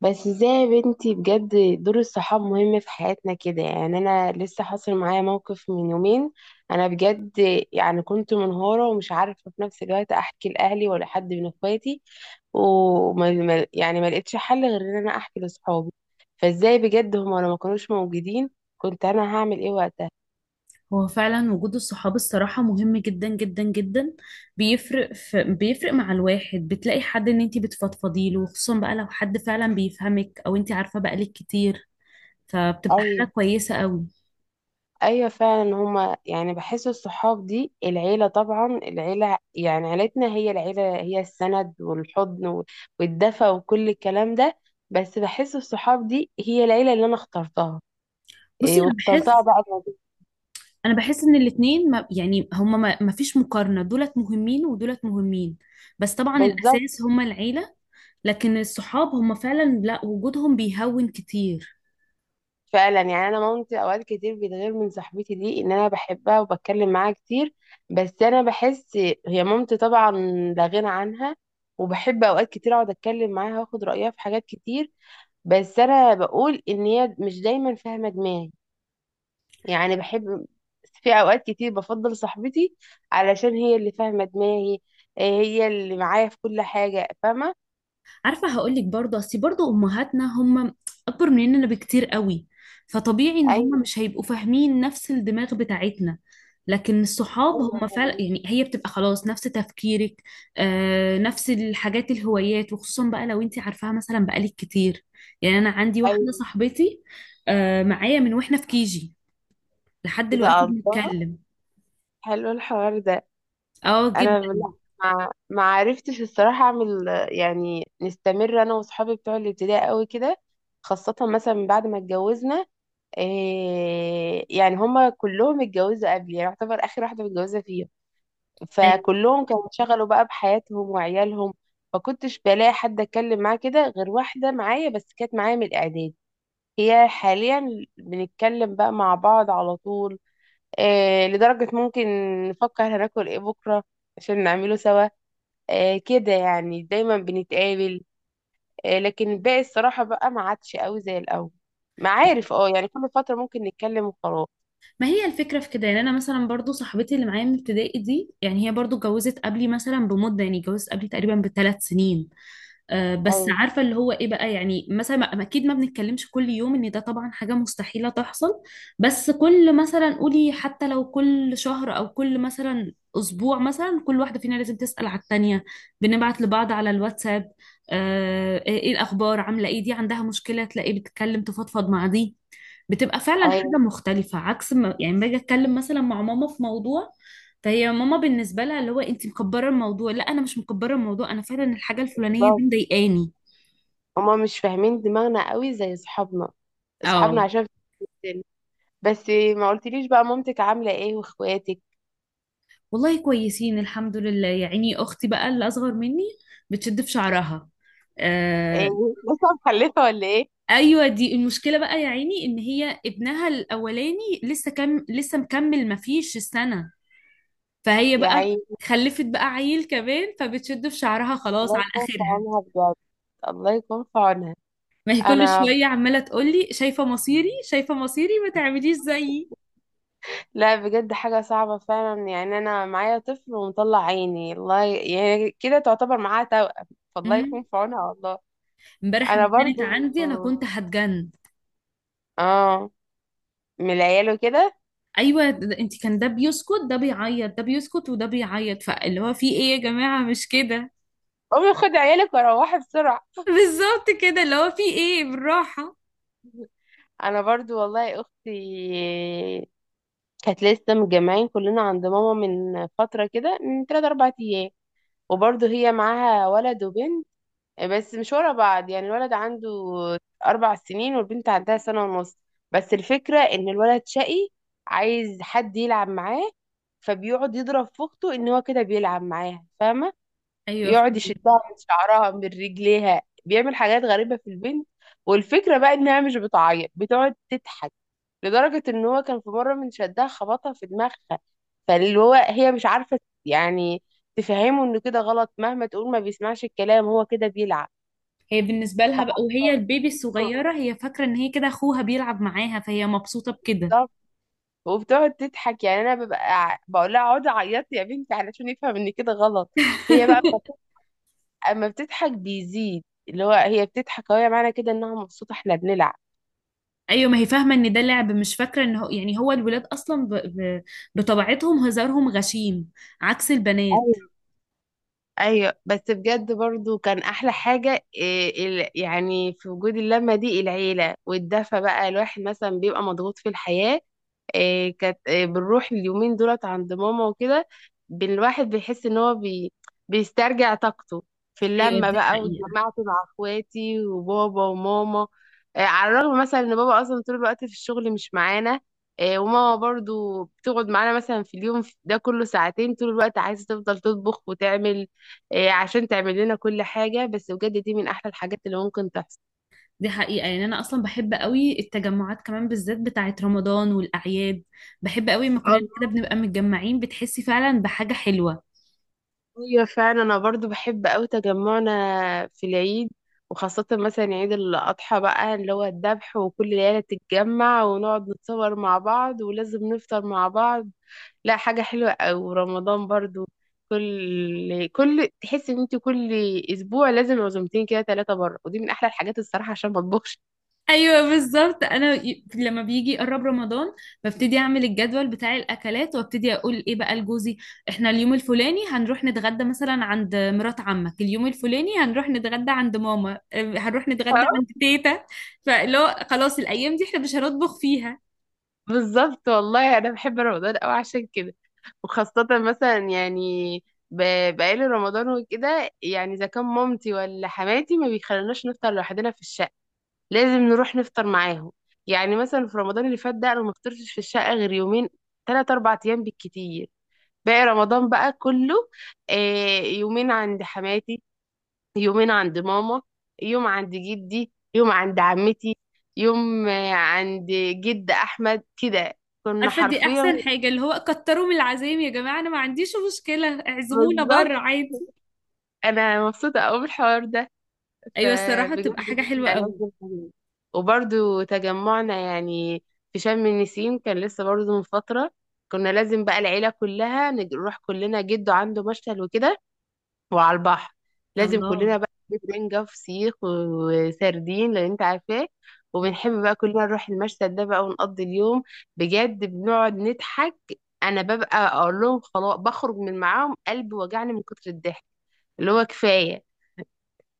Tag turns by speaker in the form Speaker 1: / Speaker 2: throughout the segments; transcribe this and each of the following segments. Speaker 1: بس ازاي يا بنتي بجد. دور الصحاب مهم في حياتنا كده، يعني انا لسه حاصل معايا موقف من يومين. انا بجد يعني كنت منهارة ومش عارفة في نفس الوقت احكي لاهلي ولا حد من اخواتي، وما ما- يعني ما لقيتش حل غير ان انا احكي لاصحابي. فازاي بجد هما لو ما كانوش موجودين، كنت انا هعمل ايه وقتها؟
Speaker 2: هو فعلا وجود الصحاب الصراحة مهم جدا جدا جدا. بيفرق مع الواحد، بتلاقي حد ان انتي بتفضفضي له، خصوصا بقى لو حد فعلا بيفهمك او انتي عارفة بقالك كتير، فبتبقى حاجة
Speaker 1: أيوة.
Speaker 2: كويسة قوي.
Speaker 1: ايوه فعلا هما، يعني بحس الصحاب دي العيله، طبعا العيله يعني عيلتنا هي العيله، هي السند والحضن والدفى وكل الكلام ده. بس بحس الصحاب دي هي العيله اللي انا اخترتها.
Speaker 2: بصي،
Speaker 1: إيه،
Speaker 2: انا
Speaker 1: واخترتها
Speaker 2: بحس
Speaker 1: بقى
Speaker 2: انا بحس ان الاتنين، ما يعني هما، ما فيش مقارنة، دولت مهمين ودولت مهمين. بس طبعا
Speaker 1: بالظبط.
Speaker 2: الاساس هما العيلة، لكن الصحاب هما فعلا، لا، وجودهم بيهون كتير.
Speaker 1: فعلا يعني انا مامتي اوقات كتير بتغير من صاحبتي دي، ان انا بحبها وبتكلم معاها كتير. بس انا بحس، هي مامتي طبعا لا غنى عنها، وبحب اوقات كتير اقعد اتكلم معاها واخد رايها في حاجات كتير. بس انا بقول ان هي مش دايما فاهمه دماغي. يعني بحب في اوقات كتير بفضل صاحبتي علشان هي اللي فاهمه دماغي. إيه، هي اللي معايا في كل حاجه، فاهمه.
Speaker 2: عارفة هقولك برضه، أصل برضه أمهاتنا هم أكبر مننا بكتير قوي، فطبيعي إن هم
Speaker 1: ايوه،
Speaker 2: مش هيبقوا فاهمين نفس الدماغ بتاعتنا. لكن الصحاب
Speaker 1: ايوه
Speaker 2: هم فعلا
Speaker 1: فاهمة.
Speaker 2: يعني هي بتبقى خلاص نفس تفكيرك، آه، نفس الحاجات، الهوايات، وخصوصا بقى لو انت عارفاها مثلا بقالك كتير. يعني أنا عندي واحدة
Speaker 1: ايوه
Speaker 2: صاحبتي، آه، معايا من واحنا في كيجي لحد
Speaker 1: كده،
Speaker 2: دلوقتي
Speaker 1: الله.
Speaker 2: بنتكلم.
Speaker 1: حلو الحوار ده.
Speaker 2: اه،
Speaker 1: انا لا، ما عرفتش الصراحه اعمل يعني نستمر انا واصحابي بتوع الابتدائي قوي كده، خاصه مثلا من بعد ما اتجوزنا. إيه، يعني هما كلهم اتجوزوا قبلي، يعني يعتبر اخر واحده متجوزه فيهم.
Speaker 2: جدا.
Speaker 1: فكلهم كانوا انشغلوا بقى بحياتهم وعيالهم، فكنتش بلاقي حد اتكلم معاه كده غير واحده معايا بس كانت معايا من الاعداد. هي حاليا بنتكلم بقى مع بعض على طول. آه، لدرجه ممكن نفكر هناكل ايه بكره عشان نعمله سوا. آه، كده يعني دايما بنتقابل. آه، لكن الباقي الصراحه بقى ما عادش قوي زي الاول. معارف، اه يعني كل فتره ممكن نتكلم وخلاص.
Speaker 2: ما هي الفكرة في كده، يعني أنا مثلا برضو صاحبتي اللي معايا من ابتدائي دي، يعني هي برضو اتجوزت قبلي مثلا بمدة، يعني اتجوزت قبلي تقريبا بـ3 سنين. آه، بس
Speaker 1: ايوه.
Speaker 2: عارفة اللي هو ايه بقى، يعني مثلا اكيد ما بنتكلمش كل يوم، ان ده طبعا حاجة مستحيلة تحصل. بس كل مثلا قولي حتى لو كل شهر او كل مثلا اسبوع، مثلا كل واحدة فينا لازم تسأل على التانية. بنبعت لبعض على الواتساب، آه، ايه الاخبار، عاملة ايه، دي عندها مشكلة تلاقي بتتكلم تفضفض مع دي. بتبقى فعلا
Speaker 1: ايوه
Speaker 2: حاجة مختلفة عكس ما يعني باجي اتكلم مثلا مع ماما في موضوع، فهي ماما بالنسبه لها اللي هو انت مكبره الموضوع، لا انا مش مكبره الموضوع، انا فعلا الحاجه الفلانيه دي
Speaker 1: بالظبط،
Speaker 2: مضايقاني.
Speaker 1: هما مش فاهمين دماغنا قوي زي اصحابنا، اصحابنا
Speaker 2: اه،
Speaker 1: عشان. بس ما قلتليش بقى مامتك عاملة ايه واخواتك؟
Speaker 2: والله كويسين الحمد لله. يا عيني اختي بقى اللي اصغر مني بتشد في شعرها.
Speaker 1: ايه،
Speaker 2: آه.
Speaker 1: لسه مخلفة ولا ايه؟
Speaker 2: ايوه دي المشكله بقى يا عيني، ان هي ابنها الاولاني لسه مكمل ما فيش السنه، فهي
Speaker 1: يا
Speaker 2: بقى
Speaker 1: عيني.
Speaker 2: خلفت بقى عيل كمان، فبتشد في شعرها خلاص
Speaker 1: الله
Speaker 2: عن
Speaker 1: يكون في
Speaker 2: اخرها.
Speaker 1: عونها بجد، الله يكون في عونها.
Speaker 2: ما هي كل
Speaker 1: انا
Speaker 2: شويه عماله تقول لي شايفه مصيري شايفه مصيري، ما تعمليش زيي.
Speaker 1: لا، بجد حاجة صعبة فعلا، يعني انا معايا طفل ومطلع عيني، يعني كده تعتبر معاها توأم، فالله يكون في عونها والله.
Speaker 2: امبارح
Speaker 1: انا
Speaker 2: لما كانت
Speaker 1: برضو،
Speaker 2: عندي انا كنت هتجن.
Speaker 1: اه، من العيال وكده.
Speaker 2: ايوه، انت كان ده بيسكت ده بيعيط ده بيسكت وده بيعيط، فاللي هو في ايه يا جماعه، مش كده؟
Speaker 1: امي، خدي عيالك وروحي بسرعة.
Speaker 2: بالظبط كده، اللي هو في ايه بالراحه.
Speaker 1: انا برضو والله اختي، كانت لسه متجمعين كلنا عند ماما من فترة كده من تلات أربع أيام، وبرضه هي معاها ولد وبنت بس مش ورا بعض. يعني الولد عنده أربع سنين والبنت عندها سنة ونص. بس الفكرة إن الولد شقي، عايز حد يلعب معاه، فبيقعد يضرب في أخته، إن هو كده بيلعب معاها، فاهمة؟
Speaker 2: ايوه
Speaker 1: يقعد يشدها
Speaker 2: فهمتك.
Speaker 1: من شعرها من رجليها، بيعمل حاجات غريبة في البنت. والفكرة بقى انها مش بتعيط، بتقعد تضحك، لدرجة ان هو كان في مرة من شدها خبطها في دماغها. فاللي هو هي مش عارفة يعني تفهمه انه كده غلط. مهما تقول ما بيسمعش الكلام، هو كده بيلعب.
Speaker 2: هي بالنسبه لها بقى وهي البيبي الصغيره، هي فاكره ان هي كده اخوها بيلعب معاها، فهي مبسوطه بكده.
Speaker 1: بالظبط. وبتقعد تضحك، يعني انا ببقى بقول لها اقعدي عيطي يا بنتي علشان يفهم ان كده غلط. هي بقى اما بتضحك بيزيد، اللي هو هي بتضحك، اهو معنى كده انها مبسوطه احنا بنلعب.
Speaker 2: ايوه، ما هي فاهمه ان ده لعب، مش فاكره ان هو يعني هو الولاد اصلا بطبيعتهم هزارهم غشيم عكس البنات.
Speaker 1: ايوه بس بجد برضو كان احلى حاجه إيه يعني في وجود اللمه دي، العيله والدفى بقى، الواحد مثلا بيبقى مضغوط في الحياه. إيه كانت إيه، بنروح اليومين دولت عند ماما وكده، الواحد بيحس ان هو بيسترجع طاقته في
Speaker 2: ايوه
Speaker 1: اللمة
Speaker 2: دي
Speaker 1: بقى،
Speaker 2: حقيقه.
Speaker 1: واتجمعت مع اخواتي وبابا وماما. إيه، على الرغم مثلا ان بابا اصلا طول الوقت في الشغل مش معانا. إيه، وماما برضو بتقعد معانا مثلا في اليوم ده كله ساعتين، طول الوقت عايزة تفضل تطبخ وتعمل. إيه عشان تعمل لنا كل حاجة. بس بجد دي من احلى الحاجات اللي ممكن تحصل.
Speaker 2: دي حقيقة، يعني أنا أصلا بحب قوي التجمعات، كمان بالذات بتاعة رمضان والأعياد. بحب قوي ما كلنا كده بنبقى متجمعين، بتحسي فعلا بحاجة حلوة.
Speaker 1: ايوه فعلا، انا برضو بحب قوي تجمعنا في العيد، وخاصة مثلا عيد الأضحى بقى اللي هو الذبح، وكل العيلة تتجمع ونقعد نتصور مع بعض ولازم نفطر مع بعض. لا حاجة حلوة أوي. ورمضان برضو، كل تحس ان انت كل اسبوع لازم عزومتين كده، ثلاثة بره، ودي من احلى الحاجات الصراحة عشان ما اطبخش.
Speaker 2: أيوة بالظبط، أنا لما بيجي يقرب رمضان ببتدي أعمل الجدول بتاع الأكلات وأبتدي أقول إيه بقى لجوزي. إحنا اليوم الفلاني هنروح نتغدى مثلا عند مرات عمك، اليوم الفلاني هنروح نتغدى عند ماما، هنروح نتغدى عند تيتا. فاللي هو خلاص الأيام دي إحنا مش هنطبخ فيها.
Speaker 1: بالظبط، والله انا بحب رمضان قوي عشان كده. وخاصة مثلا يعني بقالي رمضان وكده يعني، اذا كان مامتي ولا حماتي ما بيخلوناش نفطر لوحدنا في الشقة، لازم نروح نفطر معاهم. يعني مثلا في رمضان اللي فات ده انا ما فطرتش في الشقة غير يومين، تلات اربع ايام بالكتير. باقي رمضان بقى كله، آه، يومين عند حماتي، يومين عند ماما، يوم عند جدي، يوم عند عمتي، يوم عند جد احمد كده، كنا
Speaker 2: عارفه دي
Speaker 1: حرفيا.
Speaker 2: احسن حاجه، اللي هو كتروا من العزايم يا جماعه، انا ما عنديش مشكله اعزمونا
Speaker 1: بالظبط.
Speaker 2: بره عادي.
Speaker 1: انا مبسوطه قوي بالحوار ده.
Speaker 2: ايوه الصراحه
Speaker 1: فبجد
Speaker 2: بتبقى حاجه
Speaker 1: دي
Speaker 2: حلوه
Speaker 1: ألذ
Speaker 2: قوي.
Speaker 1: الحاجات. وبرضو تجمعنا يعني في شم النسيم كان لسه برضو من فتره، كنا لازم بقى العيله كلها نروح كلنا جده، عنده مشتل وكده، وعلى البحر. لازم
Speaker 2: الله.
Speaker 1: كلنا بقى نجيب رنجة وفسيخ وسردين، لان انت عارفاه. وبنحب بقى كلنا نروح المشهد ده بقى ونقضي اليوم. بجد بنقعد نضحك، انا ببقى اقول لهم خلاص بخرج من معاهم، قلبي وجعني من كتر الضحك، اللي هو كفاية.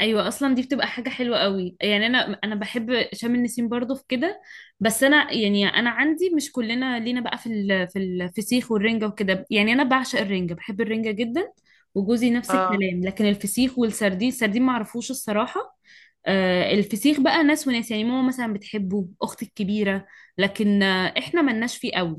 Speaker 2: ايوه اصلا دي بتبقى حاجه حلوه قوي، يعني انا بحب شم النسيم برضو في كده. بس انا يعني انا عندي، مش كلنا لينا بقى في الفسيخ والرنجه وكده، يعني انا بعشق الرنجه، بحب الرنجه جدا. وجوزي نفس
Speaker 1: اه.
Speaker 2: الكلام، لكن الفسيخ والسردين، السردين ما اعرفوش الصراحه. الفسيخ بقى ناس وناس، يعني ماما مثلا بتحبه، اختي الكبيره، لكن احنا ملناش فيه قوي.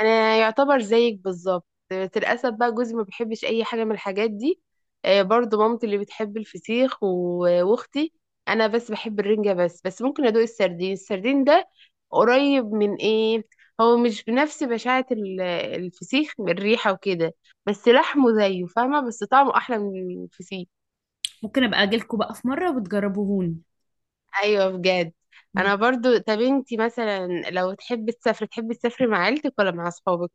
Speaker 1: انا يعتبر زيك بالظبط، بس للاسف بقى جوزي ما بيحبش اي حاجه من الحاجات دي. آه، برضو مامتي اللي بتحب الفسيخ واختي. انا بس بحب الرنجه بس ممكن ادوق السردين. السردين ده قريب من ايه، هو مش بنفس بشاعه الفسيخ من الريحه وكده. بس لحمه زيه، فاهمه؟ بس طعمه احلى من الفسيخ.
Speaker 2: ممكن ابقى اجيلكوا بقى في مره وتجربوهوني.
Speaker 1: ايوه بجد.
Speaker 2: مم.
Speaker 1: انا برضو، طب انتي مثلا لو تحبي تسافري، تحبي تسافري مع عيلتك ولا مع اصحابك؟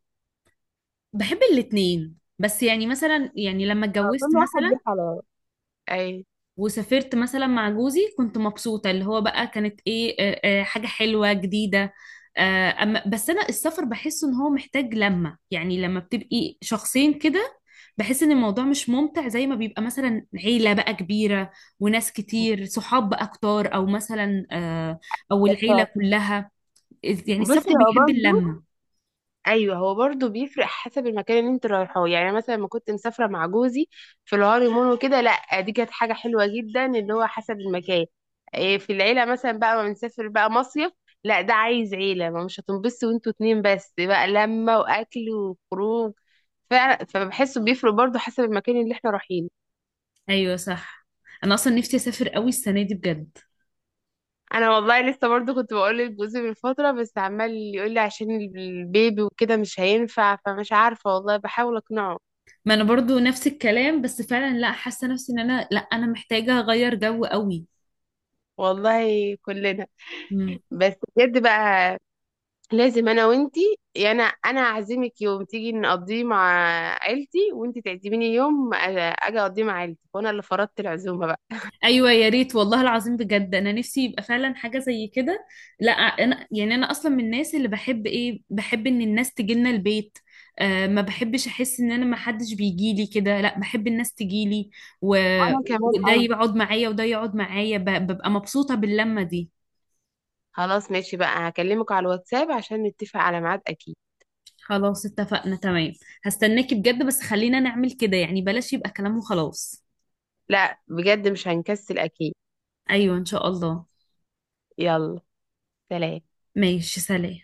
Speaker 2: بحب الاتنين، بس يعني مثلا، يعني لما
Speaker 1: اه
Speaker 2: اتجوزت
Speaker 1: كل واحد ليه
Speaker 2: مثلا
Speaker 1: حلاوة. اي.
Speaker 2: وسافرت مثلا مع جوزي، كنت مبسوطة، اللي هو بقى كانت ايه، حاجة حلوة جديدة. أما بس أنا السفر بحس إن هو محتاج لمة، يعني لما بتبقي شخصين كده بحس إن الموضوع مش ممتع زي ما بيبقى مثلا عيلة بقى كبيرة، وناس كتير صحاب بقى كتار، أو مثلا، أو العيلة كلها. يعني السفر
Speaker 1: بصي هو
Speaker 2: بيحب
Speaker 1: برضو،
Speaker 2: اللمة.
Speaker 1: ايوه هو برضو بيفرق حسب المكان اللي انت رايحاه. يعني أنا مثلا لما كنت مسافره مع جوزي في الهانيمون وكده، لا دي كانت حاجه حلوه جدا، اللي هو حسب المكان. إيه، في العيله مثلا بقى ما بنسافر بقى مصيف، لا ده عايز عيله، ما مش هتنبسطوا وانتوا اتنين بس بقى، لمه واكل وخروج. فعلا، فبحسه بيفرق برضو حسب المكان اللي احنا رايحينه.
Speaker 2: أيوة صح، أنا أصلا نفسي أسافر قوي السنة دي بجد.
Speaker 1: انا والله لسه برضو كنت بقول لجوزي من فتره، بس عمال يقول لي عشان البيبي وكده مش هينفع، فمش عارفه والله، بحاول اقنعه.
Speaker 2: ما انا برضو نفس الكلام، بس فعلا لا، حاسه نفسي ان انا، لا، انا محتاجه اغير جو قوي.
Speaker 1: والله كلنا.
Speaker 2: مم.
Speaker 1: بس بجد بقى لازم انا وانتي، يا انا اعزمك يوم تيجي نقضيه مع عيلتي، وانتي تعزميني يوم اجي اقضيه مع عيلتي، وانا اللي فرضت العزومه بقى.
Speaker 2: ايوه يا ريت والله العظيم، بجد انا نفسي يبقى فعلا حاجه زي كده. لا انا يعني انا اصلا من الناس اللي بحب، بحب ان الناس تجيلنا البيت. آه، ما بحبش احس ان انا ما حدش بيجي لي كده، لا، بحب الناس تجيلي و...
Speaker 1: وانا كمان
Speaker 2: وده
Speaker 1: قوي.
Speaker 2: يقعد معايا وده يقعد معايا، ببقى مبسوطه باللمه دي.
Speaker 1: خلاص ماشي بقى، هكلمك على الواتساب عشان نتفق على ميعاد اكيد.
Speaker 2: خلاص اتفقنا، تمام، هستناكي بجد، بس خلينا نعمل كده يعني، بلاش يبقى كلام وخلاص.
Speaker 1: لا بجد مش هنكسل اكيد.
Speaker 2: ايوه ان شاء الله.
Speaker 1: يلا، سلام.
Speaker 2: ماشي، سلام.